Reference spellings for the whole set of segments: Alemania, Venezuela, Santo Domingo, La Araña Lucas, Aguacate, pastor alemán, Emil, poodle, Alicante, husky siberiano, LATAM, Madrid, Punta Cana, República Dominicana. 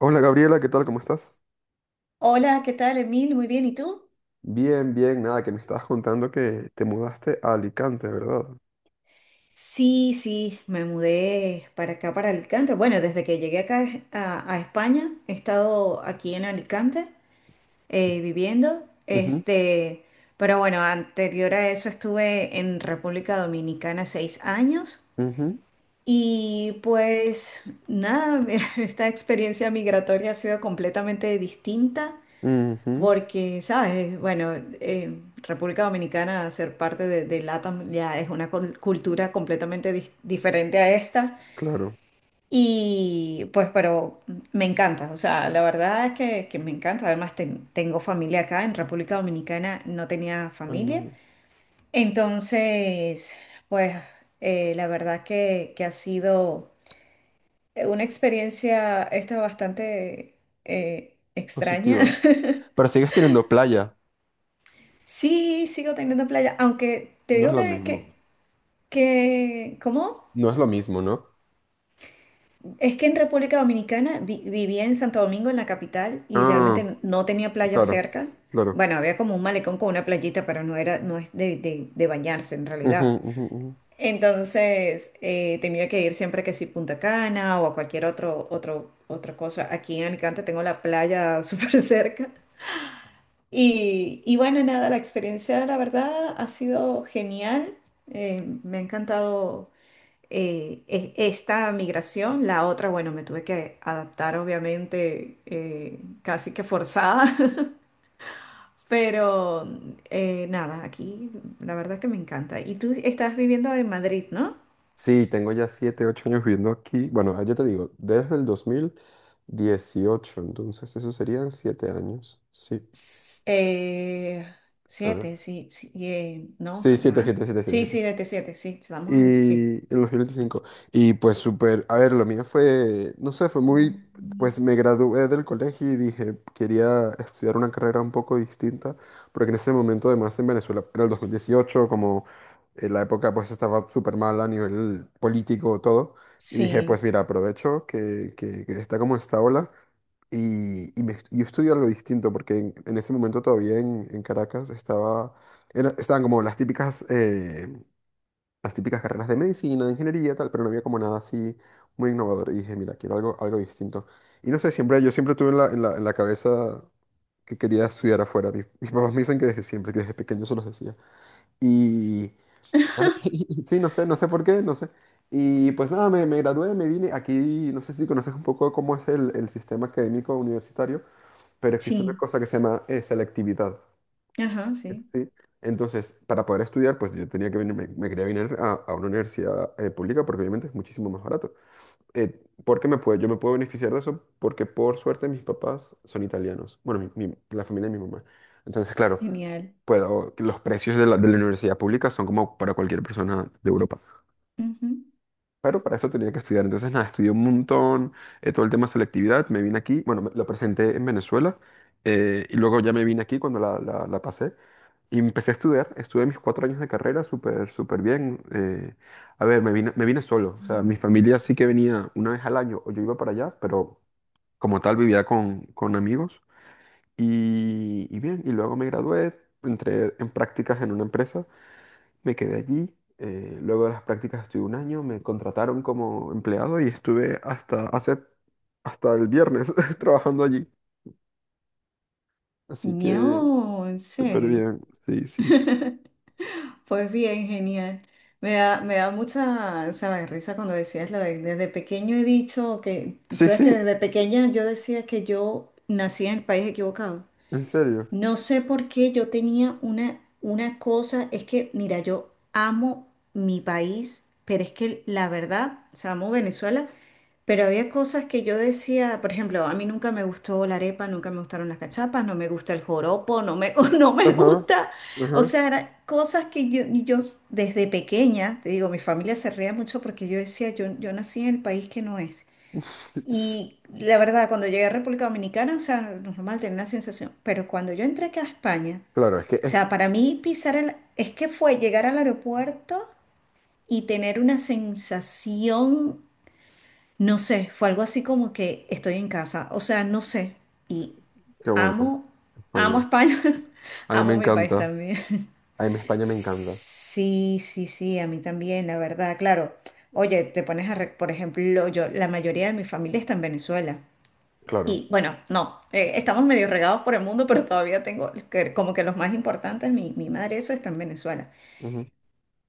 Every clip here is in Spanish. Hola Gabriela, ¿qué tal? ¿Cómo estás? Hola, ¿qué tal, Emil? Muy bien, ¿y tú? Bien, nada, que me estabas contando que te mudaste a Alicante, ¿verdad? Sí, sí, me mudé para acá, para Alicante. Bueno, desde que llegué acá a España, he estado aquí en Alicante viviendo. Ujú, Este, pero bueno, anterior a eso estuve en República Dominicana 6 años. ujú, Y pues nada, esta experiencia migratoria ha sido completamente distinta. ujú, Porque, ¿sabes? Bueno, República Dominicana, ser parte de LATAM ya es una cultura completamente diferente a esta. Claro. Y pues, pero me encanta, o sea, la verdad es que me encanta. Además, tengo familia acá, en República Dominicana no tenía Ah, familia. no, Entonces, pues, la verdad que ha sido una experiencia esta bastante extraña. Positiva. Pero sigues teniendo playa. Sí, sigo teniendo playa, aunque te No es digo lo que, que, mismo. que- ¿cómo? No es lo mismo, ¿no? Es que en República Dominicana vivía en Santo Domingo, en la capital, y Ah, realmente no tenía playa claro, cerca. claro. Bueno, había como un malecón con una playita, pero no era, no es de bañarse en Ujú, realidad. ujú, ujú. Entonces, tenía que ir siempre que sí Punta Cana o a cualquier otra cosa. Aquí en Alicante tengo la playa súper cerca. Y bueno, nada, la experiencia, la verdad, ha sido genial. Me ha encantado esta migración. La otra, bueno, me tuve que adaptar, obviamente, casi que forzada. Pero nada, aquí la verdad que me encanta. Y tú estás viviendo en Madrid, ¿no? Sí, tengo ya 7, 8 años viviendo aquí. Bueno, ya te digo, desde el 2018. Entonces eso serían 7 años. Sí, S- eh, a ver. Siete, sí, sí, no, Sí, siete, más. siete, siete. Sí, 7, sí, desde siete, sí, estamos en, sí, y en 2025. Y pues súper, a ver, lo mío fue, no sé, fue muy, pues me gradué del colegio y dije, quería estudiar una carrera un poco distinta, porque en ese momento además en Venezuela era el 2018 como la época, pues estaba súper mal a nivel político, todo. Y dije, pues sí, mira, aprovecho que está como esta ola y, me, yo estudio algo distinto, porque en ese momento todavía en Caracas estaba, estaban como las típicas carreras de medicina, de ingeniería, tal, pero no había como nada así muy innovador. Y dije, mira, quiero algo, algo distinto. Y no sé, siempre, yo siempre tuve en la cabeza que quería estudiar afuera. Mis papás me dicen que desde siempre, que desde pequeño se los decía. Y ah, sí, no sé, no sé por qué, no sé. Y pues nada, me gradué, me vine aquí, no sé si conoces un poco cómo es el sistema académico universitario, pero existe una sí. cosa que se llama selectividad. Ajá, sí, Sí. Entonces, para poder estudiar, pues yo tenía que venir, me quería venir a una universidad pública porque obviamente es muchísimo más barato. ¿Por qué me puedo, yo me puedo beneficiar de eso? Porque por suerte mis papás son italianos. Bueno, la familia de mi mamá. Entonces, claro, genial. puedo, los precios de la universidad pública son como para cualquier persona de Europa. Ujú. Pero para eso tenía que estudiar. Entonces, nada, estudié un montón, todo el tema de selectividad, me vine aquí, bueno, lo presenté en Venezuela, y luego ya me vine aquí cuando la pasé y empecé a estudiar, estuve mis 4 años de carrera súper, súper bien. A ver, me vine solo, o sea, mi familia sí que venía una vez al año o yo iba para allá, pero como tal vivía con amigos y bien, y luego me gradué, entré en prácticas en una empresa, me quedé allí. Luego de las prácticas estuve 1 año, me contrataron como empleado y estuve hasta hace, hasta el viernes trabajando allí. Así que No, en súper serio. bien. Sí, sí, sí. Pues bien, genial. Me da mucha, ¿sabes? Risa cuando decías lo de desde pequeño he dicho que, Sí, ¿sabes? Que sí, desde pequeña yo decía que yo nací en el país equivocado. en serio. No sé por qué yo tenía una cosa, es que, mira, yo amo mi país, pero es que la verdad, o sea, amo Venezuela. Pero había cosas que yo decía, por ejemplo, a mí nunca me gustó la arepa, nunca me gustaron las cachapas, no me gusta el joropo, no me, no me Ajá, gusta. O ajá. sea, eran cosas que yo desde pequeña, te digo, mi familia se reía mucho porque yo decía, yo nací en el país que no es. Y la verdad, cuando llegué a República Dominicana, o sea, normal tener una sensación, pero cuando yo entré acá a España, Claro, es que o es sea, para mí pisar el, es que fue llegar al aeropuerto y tener una sensación, no sé, fue algo así como que estoy en casa, o sea, no sé. Y que bueno, amo, amo España. España, A mí me amo mi país encanta. también. A mí España me encanta. Sí, sí, sí, a mí también, la verdad, claro. Oye, te pones a, por ejemplo, yo, la mayoría de mi familia está en Venezuela. Claro. Y bueno, no, estamos medio regados por el mundo, pero todavía tengo como que los más importantes, mi madre, eso está en Venezuela. Ujú,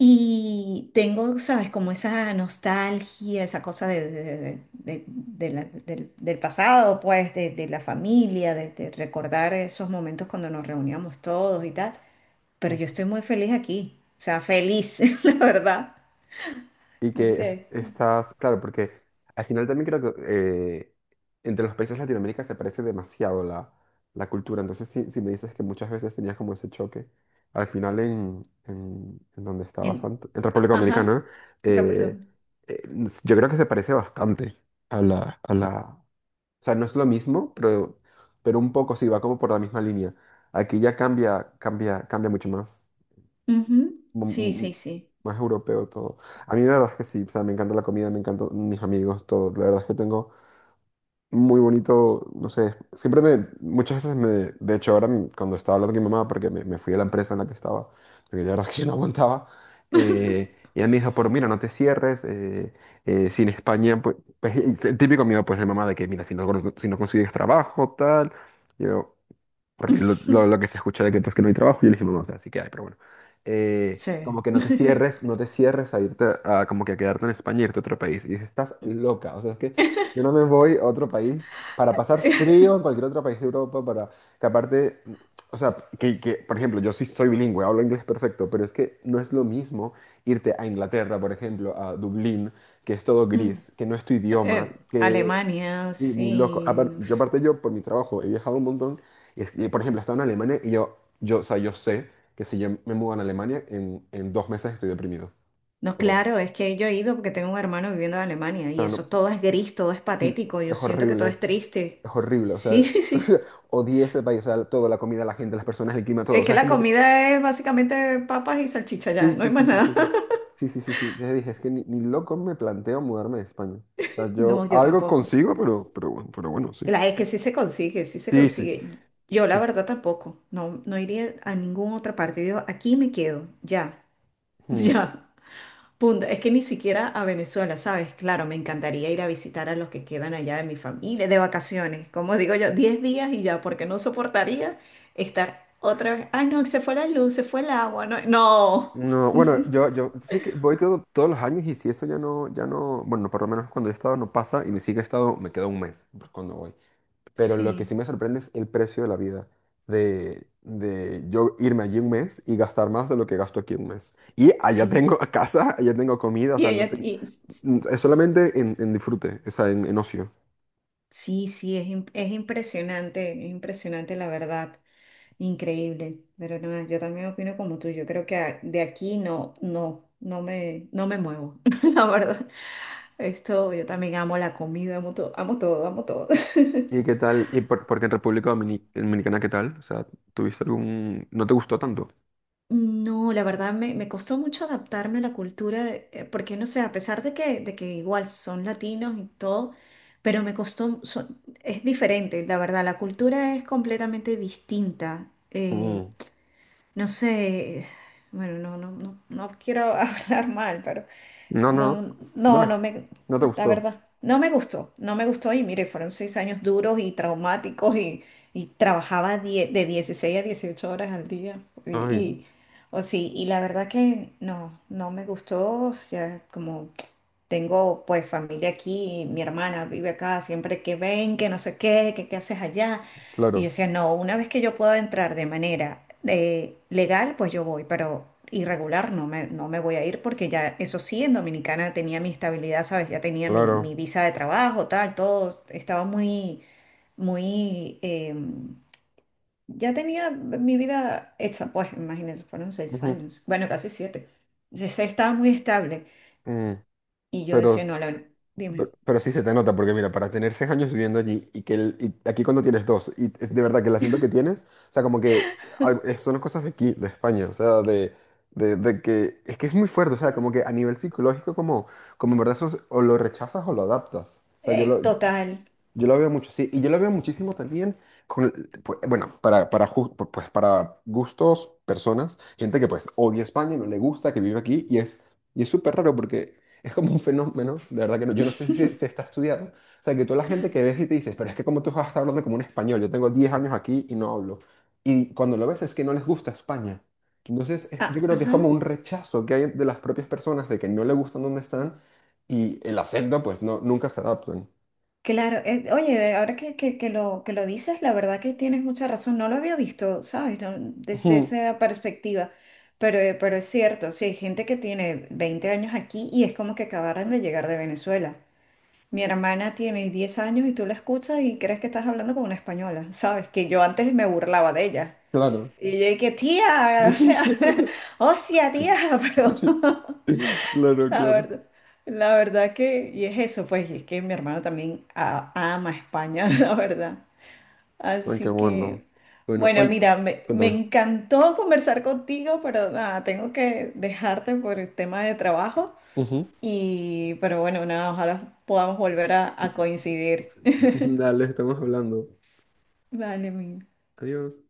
Y tengo, sabes, como esa nostalgia, esa cosa del pasado, pues, de la familia, de recordar esos momentos cuando nos reuníamos todos y tal. Pero yo ujú. estoy muy feliz aquí, o sea, feliz, la verdad. Y No que sé. estás, claro, porque al final también creo que entre los países de Latinoamérica se parece demasiado la cultura. Entonces, si me dices que muchas veces tenías como ese choque, al final en donde estabas En, antes, en República ajá, Dominicana, República eh, Dominicana. Yo creo que se parece bastante a a la... O sea, no es lo mismo, pero un poco sí, va como por la misma línea. Aquí ya cambia mucho más, Ujú, sí, mm, sí, sí. más europeo todo. A mí la verdad es que sí, o sea, me encanta la comida, me encantan mis amigos, todo. La verdad es que tengo muy bonito, no sé, siempre me, muchas veces me, de hecho ahora cuando estaba hablando con mi mamá, porque me fui a la empresa en la que estaba, porque la verdad es que yo no aguantaba, y ella me dijo, pero mira, no te cierres, si en España, pues, pues, y es el típico miedo pues de mamá de que, mira, si no, si no consigues trabajo, tal, yo, porque lo que se escucha de que, pues, que no hay trabajo, yo le dije, mamá, o sea, sí que hay, pero bueno. Sí. Como que no te cierres, no te cierres a irte, a, como que a quedarte en España, irte a otro país. Y dice, estás loca, o sea, es que yo no me voy a otro país para pasar frío en cualquier otro país de Europa, para que aparte, o sea, por ejemplo, yo sí soy bilingüe, hablo inglés perfecto, pero es que no es lo mismo irte a Inglaterra, por ejemplo, a Dublín, que es todo Mm, gris, que no es tu idioma. Alemania, Sí, ni loco. Sí. Yo aparte yo por mi trabajo he viajado un montón. Por ejemplo, he estado en Alemania y yo, o sea, yo sé que si yo me mudo a Alemania, en 2 meses estoy deprimido. No, sea, por- o claro, es que yo he ido porque tengo un hermano viviendo en Alemania y sea, eso no- todo es gris, todo es sí, patético, yo es siento que horrible, todo es triste. es horrible. O sea, Sí, sí, sí. odié ese país, o sea, todo, la comida, la gente, las personas, el clima, todo. Es O que sea, es la como que... comida es básicamente papas y salchicha ya, Sí, no sí, hay sí, más sí, nada. sí, sí. Sí, sí, sí, sí. Ya dije, es que ni loco me planteo mudarme de España. O sea, No, yo yo algo tampoco. consigo, pero, pero bueno, sí. La, es que sí se consigue, sí se Sí, sí. consigue. Yo la Sí. verdad tampoco, no, no iría a ninguna otra parte. Yo digo, aquí me quedo, ya, Hmm. ya. Punto. Es que ni siquiera a Venezuela, ¿sabes? Claro, me encantaría ir a visitar a los que quedan allá de mi familia, de vacaciones, como digo yo, 10 días y ya, porque no soportaría estar otra vez. Ay, no, se fue la luz, se fue el agua, no. No. No, bueno, yo sí que voy todos los años y si eso ya no, ya no, bueno, por lo menos cuando yo he estado no pasa y ni siquiera he estado, me queda un mes cuando voy. Pero lo que sí Sí, me sorprende es el precio de la vida, de yo irme allí un mes y gastar más de lo que gasto aquí un mes. Y allá sí. tengo casa, allá tengo comida, o Y sea, no ella, tengo- y- es solamente en disfrute, o sea, en ocio. sí, sí, es, es impresionante la verdad, increíble. Pero no, yo también opino como tú, yo creo que a- de aquí no, no, no me, no me muevo, la verdad. Esto, yo también amo la comida, amo todo, amo todo, amo todo. ¿Y qué tal? ¿Y por, porque en República Dominicana qué tal? O sea, ¿tuviste algún... ¿No te gustó tanto? No, la verdad me, me costó mucho adaptarme a la cultura, porque no sé, a pesar de de que igual son latinos y todo, pero me costó, es diferente, la verdad, la cultura es completamente distinta. Mm. No sé, bueno, no, no, no, no quiero hablar mal. No, no, No, no, no, no me, no te la gustó. verdad, no me gustó, no me gustó y mire, fueron seis años duros y traumáticos y, trabajaba de 16 a 18 horas al día. Y, Ay, y- o sí, y la verdad que no, no me gustó, ya como tengo pues familia aquí, mi hermana vive acá, siempre que ven, que no sé qué, que qué haces allá. Y yo claro, decía, no, una vez que yo pueda entrar de manera legal, pues yo voy, pero irregular no me, no me voy a ir porque ya, eso sí, en Dominicana tenía mi estabilidad, ¿sabes? Ya tenía mi claro. visa de trabajo, tal, todo estaba muy, muy, em, ya tenía mi vida hecha, pues imagínense, fueron seis Ujú, años, bueno, casi siete. Entonces, estaba muy estable mm. y yo decía, Pero, no, la, dime. pero sí se te nota, porque mira, para tener 6 años viviendo allí y que y aquí cuando tienes dos, y es de verdad que el acento que tienes, o sea, como que son cosas de aquí, de España, o sea, de que es muy fuerte, o sea, como que a nivel psicológico, como, como en verdad o lo rechazas o lo adaptas. O sea, Total. yo lo veo mucho, sí, y yo lo veo muchísimo también con, el- bueno, pues para gustos, personas, gente que pues odia España, no le gusta, que vive aquí, y es súper raro porque es como un fenómeno, de verdad que no, yo no sé si se está estudiado, o sea, que toda la gente que ves y te dices, pero es que como tú vas a estar hablando como un español, yo tengo 10 años aquí y no hablo, y cuando lo ves es que no les gusta España, yo Ah, creo que es ajá. como un rechazo que hay de las propias personas de que no le gustan donde están, y el acento pues no, nunca se adaptan. Claro. Eh, oye, de- ahora que, que lo dices, la verdad que tienes mucha razón. No lo había visto, ¿sabes? No, desde Ujú. esa perspectiva. Pero es cierto, sí, hay gente que tiene 20 años aquí y es como que acabaran de llegar de Venezuela. Mi hermana tiene 10 años y tú la escuchas y crees que estás hablando con una española, ¿sabes? Que yo antes me burlaba de ella. Claro. Y yo dije, tía, o sea, hostia, tía, pero... Claro, La claro. verdad, la verdad que, y es eso, pues, y es que mi hermano también ama España, la verdad. Ah, qué Así bueno. que, Bueno, bueno, hoy, mira, me cuéntame. encantó conversar contigo, pero nada, tengo que dejarte por el tema de trabajo. Ujú. Y, pero bueno, nada, ojalá podamos volver a coincidir. Dale, estamos hablando. Vale, mi. Adiós.